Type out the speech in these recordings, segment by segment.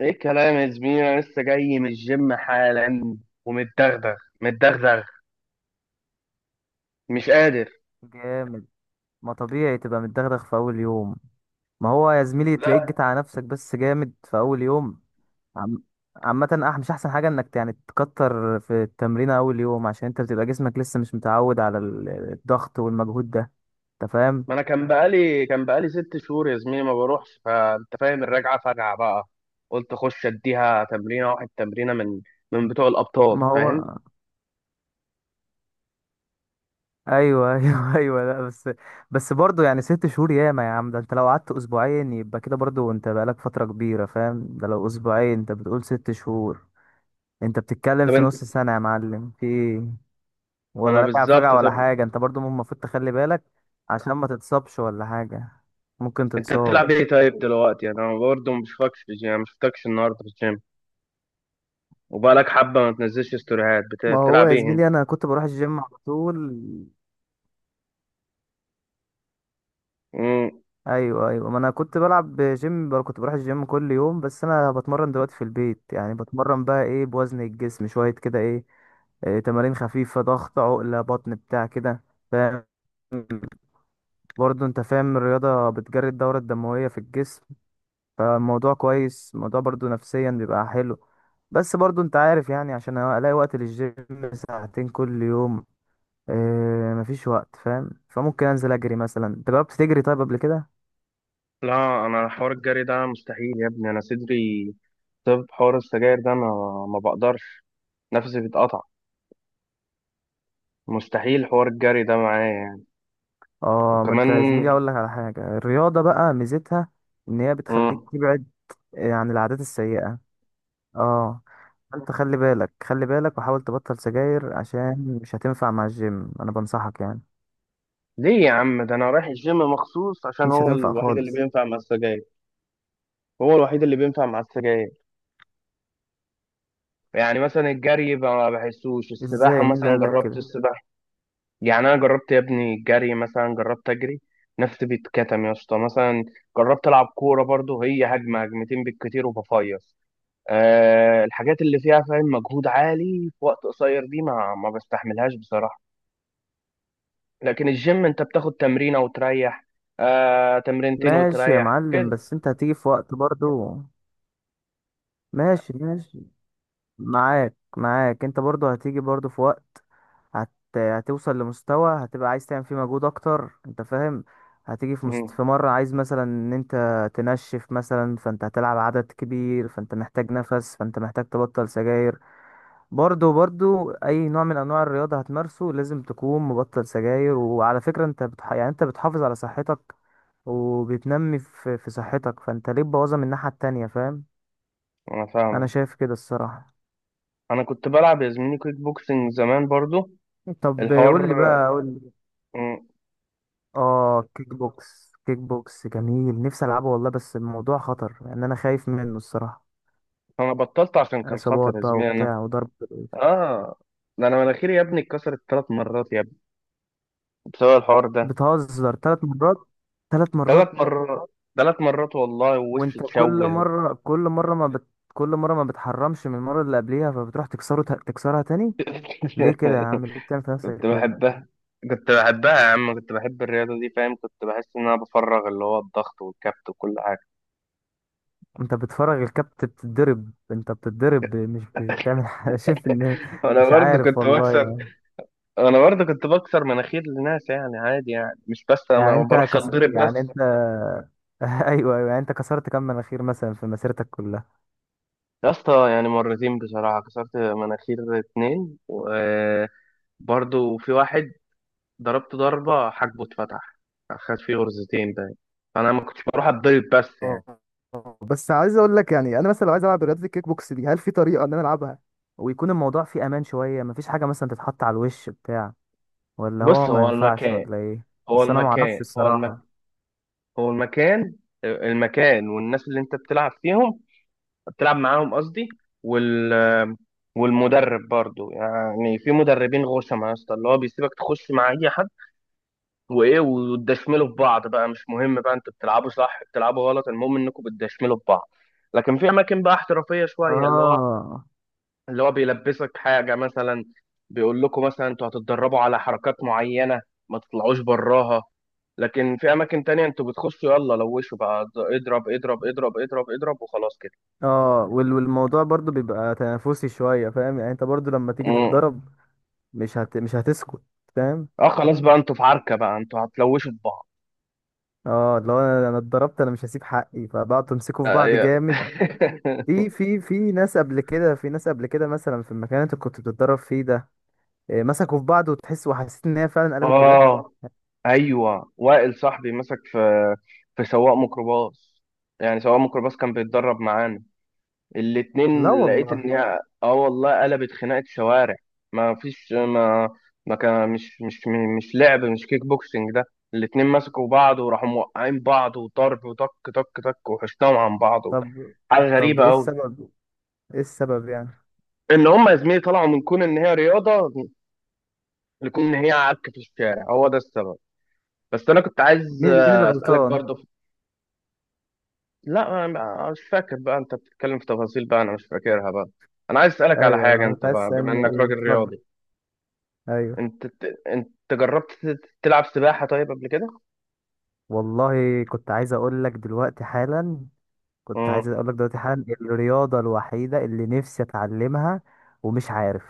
ايه الكلام يا زميلي، انا لسه جاي من الجيم حالا ومتدغدغ. متدغدغ. مش قادر. جامد. ما طبيعي تبقى متدغدغ في اول يوم. ما هو يا زميلي تلاقيك لا. جيت على نفسك بس جامد في اول يوم. عم... عامة مش أحسن حاجة إنك يعني تكتر في التمرين أول يوم، عشان أنت بتبقى جسمك لسه مش متعود على الضغط والمجهود ده. أنت فاهم؟ ما انا كان بقالي 6 شهور يا زميلي ما بروحش، فانت فاهم الرجعه فجعه بقى. قلت اخش اديها تمرينه، واحد تمرينه من بتوع الابطال، ما فاهم؟ هو أيوه أيوه أيوه لا بس برضه يعني ست شهور ياما يا عم، ده أنت لو قعدت أسبوعين يبقى كده برضه أنت بقالك فترة كبيرة، فاهم؟ ده لو أسبوعين أنت بتقول ست شهور، أنت بتتكلم طب في انت. نص سنة يا معلم، في إيه؟ ولا انا راجع بالظبط. فجأة ولا طب، حاجة، انت برضو المفروض تخلي بالك عشان ما تتصابش ولا حاجة. ممكن انت تتصاب. بتلعب ايه طيب دلوقتي؟ انا برضه ما بشوفكش في الجيم، ما شفتكش النهارده في الجيم، وبقالك حبه ما تنزلش ستوريهات. ما هو بتلعب يا ايه؟ زميلي انا كنت بروح الجيم على طول. انت. ايوه ايوه، ما انا كنت بلعب جيم كنت بروح الجيم كل يوم، بس انا بتمرن دلوقتي في البيت، يعني بتمرن بقى ايه بوزن الجسم شوية كده ايه، إيه تمارين خفيفة، ضغط، عقلة، بطن، بتاع كده، فاهم؟ برضو انت فاهم الرياضة بتجري الدورة الدموية في الجسم، فالموضوع كويس، الموضوع برضو نفسيا بيبقى حلو. بس برضو انت عارف يعني عشان الاقي وقت للجيم، ساعتين كل يوم، اه مفيش وقت، فاهم؟ فممكن انزل اجري مثلا. انت جربت تجري طيب قبل كده؟ لا، انا حوار الجري ده مستحيل يا ابني، انا صدري. طب حوار السجاير ده انا ما بقدرش، نفسي بيتقطع. مستحيل حوار الجري ده معايا يعني. اه، ما انت وكمان. يا زميلي اقول لك على حاجة، الرياضة بقى ميزتها ان هي بتخليك مم. تبعد عن العادات السيئة. اه. انت خلي بالك خلي بالك وحاول تبطل سجاير عشان مش هتنفع مع الجيم، انا بنصحك يعني. ليه يا عم؟ ده انا رايح الجيم مخصوص عشان مش هو هتنفع الوحيد اللي خالص. بينفع مع السجاير. هو الوحيد اللي بينفع مع السجاير. يعني مثلا الجري ما بحسوش. السباحة ازاي؟ مين اللي مثلا، قالك جربت كده؟ السباحة؟ يعني انا جربت يا ابني الجري، مثلا جربت اجري، نفسي بيتكتم يا اسطى مثلا. جربت العب كورة برضه، هي هجمة هجمتين بالكتير وبفيص. الحاجات اللي فيها فاهم مجهود عالي في وقت قصير دي ما بستحملهاش بصراحة. لكن الجيم انت بتاخد تمرينة وتريح. آه، تمرينتين ماشي يا وتريح معلم، كده. بس انت هتيجي في وقت برضو. ماشي ماشي. معاك معاك. انت برضو هتيجي برضو في وقت، هت... هتوصل لمستوى هتبقى عايز تعمل فيه مجهود اكتر، انت فاهم؟ هتيجي في مم. في مرة عايز مثلا ان انت تنشف مثلا، فانت هتلعب عدد كبير، فانت محتاج نفس، فانت محتاج تبطل سجاير. برضو برضو اي نوع من انواع الرياضة هتمارسه لازم تكون مبطل سجاير. وعلى فكرة انت يعني انت بتحافظ على صحتك وبتنمي في صحتك، فانت ليه تبوظها من الناحية التانية، فاهم؟ انا انا فاهمك. شايف كده الصراحة. انا كنت بلعب يا زميلي كيك بوكسنج زمان برضو. طب الحوار. قول لي بقى، قول لي. مم. اه، كيك بوكس كيك بوكس جميل، نفسي العبه والله، بس الموضوع خطر لان انا خايف منه الصراحة. انا بطلت عشان كان اصابات خطر يا بقى زميلي. انا. وبتاع وضرب بالإيد. اه. ده انا مناخيري يا ابني اتكسرت 3 مرات يا ابني، بسبب الحوار ده. بتهزر؟ ثلاث مرات. ثلاث مرات. ثلاث مرات. ثلاث مرات والله، ووشي وانت كل اتشوه. مرة كل مرة ما بت... كل مرة ما بتحرمش من المرة اللي قبلها، فبتروح تكسرها تاني. ليه كده يا عم؟ ليه بتعمل في كنت نفسك كده؟ بحبها. كنت بحبها يا عم، كنت بحب الرياضة دي، فاهم، كنت بحس إن أنا بفرغ اللي هو الضغط والكبت وكل حاجة. انت بتفرج الكابت بتتضرب، انت بتتضرب، مش بتعمل حاجة شايف ان أنا مش برضه عارف كنت والله بكسر. أنا برضه كنت بكسر مناخير لناس، يعني عادي، يعني مش بس أنا يعني ما انت بروحش أتضرب يعني بس. انت ايوه ايوه، يعني انت كسرت كم مناخير مثلا في مسيرتك كلها؟ يا اسطى يعني مرتين بصراحة، كسرت مناخير اتنين، وبرضه في واحد ضربت ضربة حاجبه اتفتح، خد فيه غرزتين باين. فأنا ما كنتش بروح أتضرب بس يعني. اه. آه. بس عايز اقول لك يعني انا مثلا لو عايز العب رياضه الكيك بوكس دي، هل في طريقه ان انا العبها ويكون الموضوع فيه امان شويه؟ مفيش حاجه مثلا تتحط على الوش بتاع؟ ولا هو بص، ما ينفعش ولا ايه؟ هو بس انا ما اعرفش المكان هو المكان الصراحه. هو المكان. المكان والناس اللي انت بتلعب فيهم، بتلعب معاهم قصدي. والمدرب برضو، يعني في مدربين غشمة يا اسطى، اللي هو بيسيبك تخش مع اي حد وايه، وتدشملوا في بعض بقى. مش مهم بقى انتوا بتلعبوا صح بتلعبوا غلط، المهم انكم بتدشملوا في بعض. لكن في اماكن بقى احترافية شوية، اللي هو اه. اللي هو بيلبسك حاجة مثلا، بيقول لكم مثلا انتوا هتتدربوا على حركات معينة، ما تطلعوش براها. لكن في أماكن تانية انتوا بتخشوا يلا لوشوا بقى، اضرب اضرب اضرب اضرب اضرب وخلاص كده. اه، والموضوع برضو بيبقى تنافسي شوية، فاهم؟ يعني انت برضو لما تيجي مم. تتضرب مش هتسكت، فاهم؟ اه، خلاص بقى انتوا في عركة بقى، انتوا هتلوشوا في بعض. اه لو انا اتضربت انا مش هسيب حقي، فبقعد تمسكوا في بعض ايوه. جامد. في ناس قبل كده، في ناس قبل كده مثلا في المكان اللي انت كنت بتتدرب فيه ده، إيه، مسكوا في بعض وحسيت ان هي فعلا قلبت بجد؟ اه، ايوه، وائل صاحبي مسك في سواق ميكروباص. يعني سواق ميكروباص كان بيتدرب معانا لا الاتنين. لقيت ان والله. هي اه والله قلبت خناقة شوارع. ما فيش. ما ما كان مش مش مش لعب، مش كيك بوكسنج ده. الاتنين مسكوا بعض وراحوا موقعين بعض، وضرب وطك، طك طك، وحشناهم عن بعض. طب. حاجة طب غريبة ايه قوي. السبب؟ ايه السبب يعني؟ ان هم يا زميلي طلعوا من كون ان هي رياضة لكون ان هي عك في الشارع، هو ده السبب. بس انا كنت عايز مين اللي اسألك غلطان؟ برضه لا انا مش فاكر بقى، انت بتتكلم في تفاصيل بقى انا مش فاكرها بقى. انا عايز اسألك على ايوه حاجة ايوه، انت كنت عايز بقى، بما تسألني انك ايه، راجل اتفضل. رياضي. ايوه. انت انت جربت تلعب سباحة طيب قبل كده؟ والله كنت عايز اقول لك دلوقتي حالا، كنت عايز امم. اقول لك دلوقتي حالا الرياضة الوحيدة اللي نفسي اتعلمها، ومش عارف.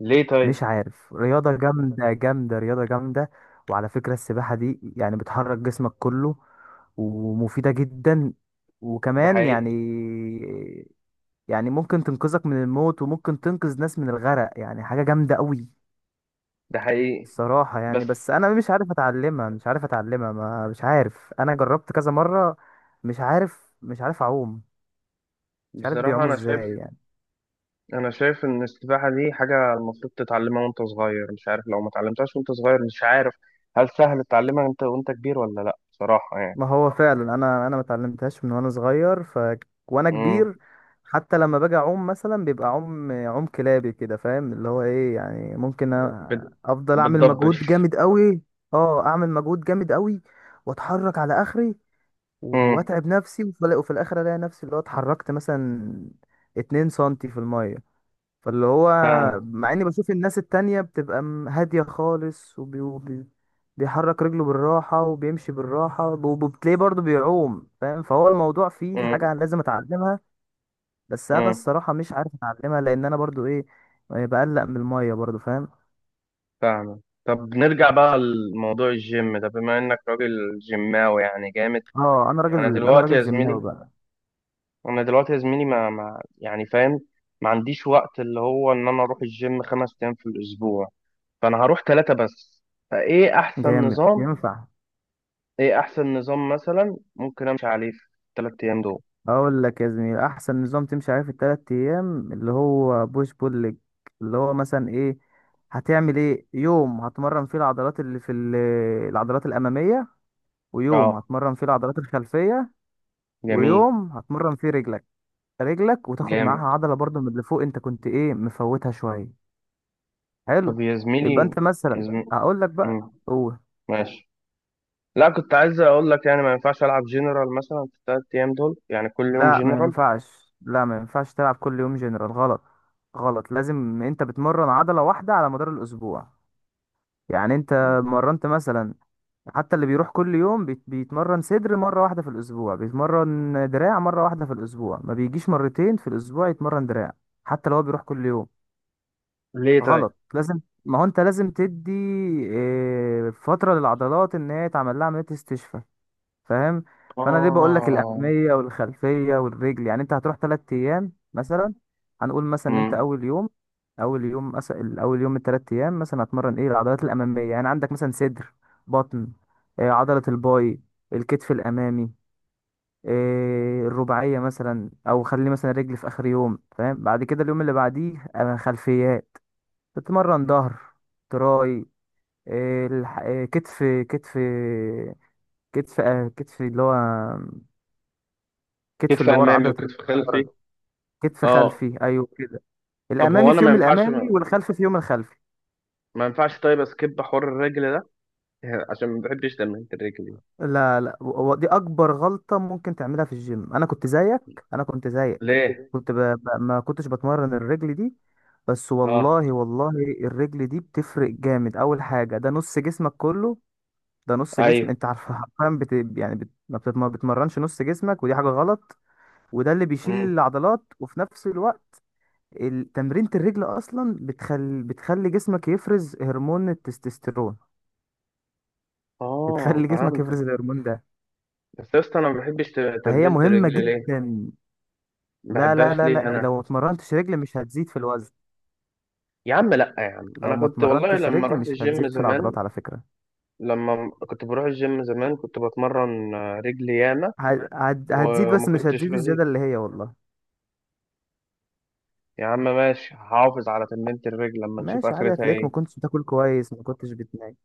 ليه طيب؟ مش عارف، رياضة جامدة جامدة، رياضة جامدة. وعلى فكرة السباحة دي يعني بتحرك جسمك كله، ومفيدة جدا، ده وكمان حقيقي. يعني ممكن تنقذك من الموت وممكن تنقذ ناس من الغرق، يعني حاجة جامدة قوي ده حقيقي. الصراحة بس. يعني. بس أنا مش عارف أتعلمها، مش عارف أتعلمها. ما مش عارف. أنا جربت كذا مرة. مش عارف أعوم. مش عارف بصراحة بيعوموا أنا شايف. إزاي يعني. أنا شايف إن السباحة دي حاجة المفروض تتعلمها وأنت صغير. مش عارف لو ما اتعلمتهاش وأنت صغير، مش عارف، هل سهل تتعلمها أنت وأنت كبير ولا لأ؟ بصراحة يعني. ما هو فعلا انا ما اتعلمتهاش من وانا صغير، وانا امم. كبير حتى لما باجي اعوم مثلا بيبقى عوم عوم كلابي كده، فاهم؟ اللي هو ايه يعني ممكن بت... افضل اعمل مجهود بتضبش. جامد قوي. اه، اعمل مجهود جامد قوي واتحرك على اخري امم. واتعب نفسي، وفي الاخر الاقي نفسي اللي هو اتحركت مثلا 2 سنتي في الميه. فاللي هو فاهم. مع اني بشوف الناس التانية بتبقى هادية خالص، بيحرك رجله بالراحة وبيمشي بالراحة وبتلاقيه برضه بيعوم، فاهم؟ فهو الموضوع فيه حاجة امم. لازم اتعلمها، بس انا امم. الصراحة مش عارف اتعلمها لان انا برضه ايه يعني، بقلق من المية برضه، فاهم؟ فاهم. طب نرجع بقى لموضوع الجيم ده، بما إنك راجل جيماوي يعني جامد. اه، أنا انا دلوقتي راجل يا زميلي جيماوي بقى. انا دلوقتي يا زميلي ما يعني فاهم، ما عنديش وقت اللي هو ان انا اروح الجيم 5 ايام في الاسبوع، فانا هروح ثلاثة بس. فايه احسن جامد، نظام، ينفع. ايه احسن نظام مثلا ممكن امشي عليه في الثلاث ايام دول؟ اقول لك يا زميلي احسن نظام تمشي عليه في الثلاث ايام، اللي هو بوش بول ليج. اللي هو مثلا ايه، هتعمل ايه، يوم هتمرن فيه العضلات اللي في العضلات الاماميه، ويوم اه. هتمرن فيه العضلات الخلفيه، جميل. ويوم هتمرن فيه رجلك. رجلك وتاخد معاها جامد. عضله برضو من اللي فوق انت كنت ايه مفوتها شويه. حلو. طب يا يبقى زميلي، انت يا مثلا زميلي. هقول لك بقى. مم. قول. ماشي. لا كنت عايز اقول لك، يعني ما ينفعش العب جنرال مثلا في الثلاث ايام دول، يعني كل يوم لا ما جنرال؟ ينفعش، لا ما ينفعش تلعب كل يوم جنرال، غلط. غلط، لازم انت بتمرن عضله واحده على مدار الاسبوع. يعني انت مرنت مثلا، حتى اللي بيروح كل يوم بيتمرن صدر مرة واحدة في الأسبوع، بيتمرن دراع مرة واحدة في الأسبوع، ما بيجيش مرتين في الأسبوع يتمرن دراع، حتى لو هو بيروح كل يوم. ليه طيب؟ غلط. ما هو انت لازم تدي اه، فترة للعضلات ان هي تعمل لها عملية استشفاء، فاهم؟ فانا ليه بقول لك اه. الاماميه والخلفيه والرجل، يعني انت هتروح ثلاث ايام مثلا. هنقول مثلا ان انت امم. اول يوم، اول يوم مثلا، اول يوم من الثلاث ايام مثلا هتمرن ايه؟ العضلات الاماميه، يعني عندك مثلا صدر، بطن، عضله الباي، الكتف الامامي، الرباعيه مثلا، او خلي مثلا الرجل في اخر يوم، فاهم؟ بعد كده اليوم اللي بعديه خلفيات، تتمرن ظهر، تراي، كتف، كتف، كتف، كتف اللي هو كتف كتف اللي ورا، امامي عضلة الكتف وكتف اللي ورا. خلفي. كتف اه. خلفي، ايوه كده. طب هو الامامي انا في ما يوم ينفعش، ما, الامامي والخلفي في يوم الخلفي. ما ينفعش طيب اسكيب حوار الرجل ده؟ يعني عشان ما بحبش تمرينة الرجل دي. لا لا، دي اكبر غلطة ممكن تعملها في الجيم. انا كنت زيك، انا كنت زيك، ليه؟ ما كنتش بتمرن الرجل دي. بس اه. والله والله الرجل دي بتفرق جامد. اول حاجة ده نص جسمك كله، ده نص جسم ايوه. انت عارف حرفيا بت... يعني بت... ما بتت- ما بتمرنش نص جسمك، ودي حاجة غلط. وده اللي بيشيل امم. العضلات، وفي نفس الوقت تمرينة الرجل أصلا بتخلي جسمك يفرز هرمون التستوستيرون، اه، بتخلي جسمك فهمتك. يفرز الهرمون ده، بس يا اسطى انا ما بحبش فهي تمرينة مهمة الرجل ليه؟ جدا. ما لا لا بحبهاش لا ليه لا، انا؟ لو ما اتمرنتش رجل مش هتزيد في الوزن، يا عم، لا يا عم، لو انا ما كنت والله اتمرنتش لما رجل رحت مش الجيم هتزيد في زمان. العضلات على فكرة. كنت بروح الجيم زمان، كنت بتمرن رجلي ياما، هتزيد وما بس مش كنتش هتزيد الزيادة بزيد. اللي هي والله. يا عم ماشي، هحافظ على تمرينة الرجل لما نشوف ماشي، عادي، اخرتها هتلاقيك ما ايه. كنتش بتاكل كويس، ما كنتش بتنام.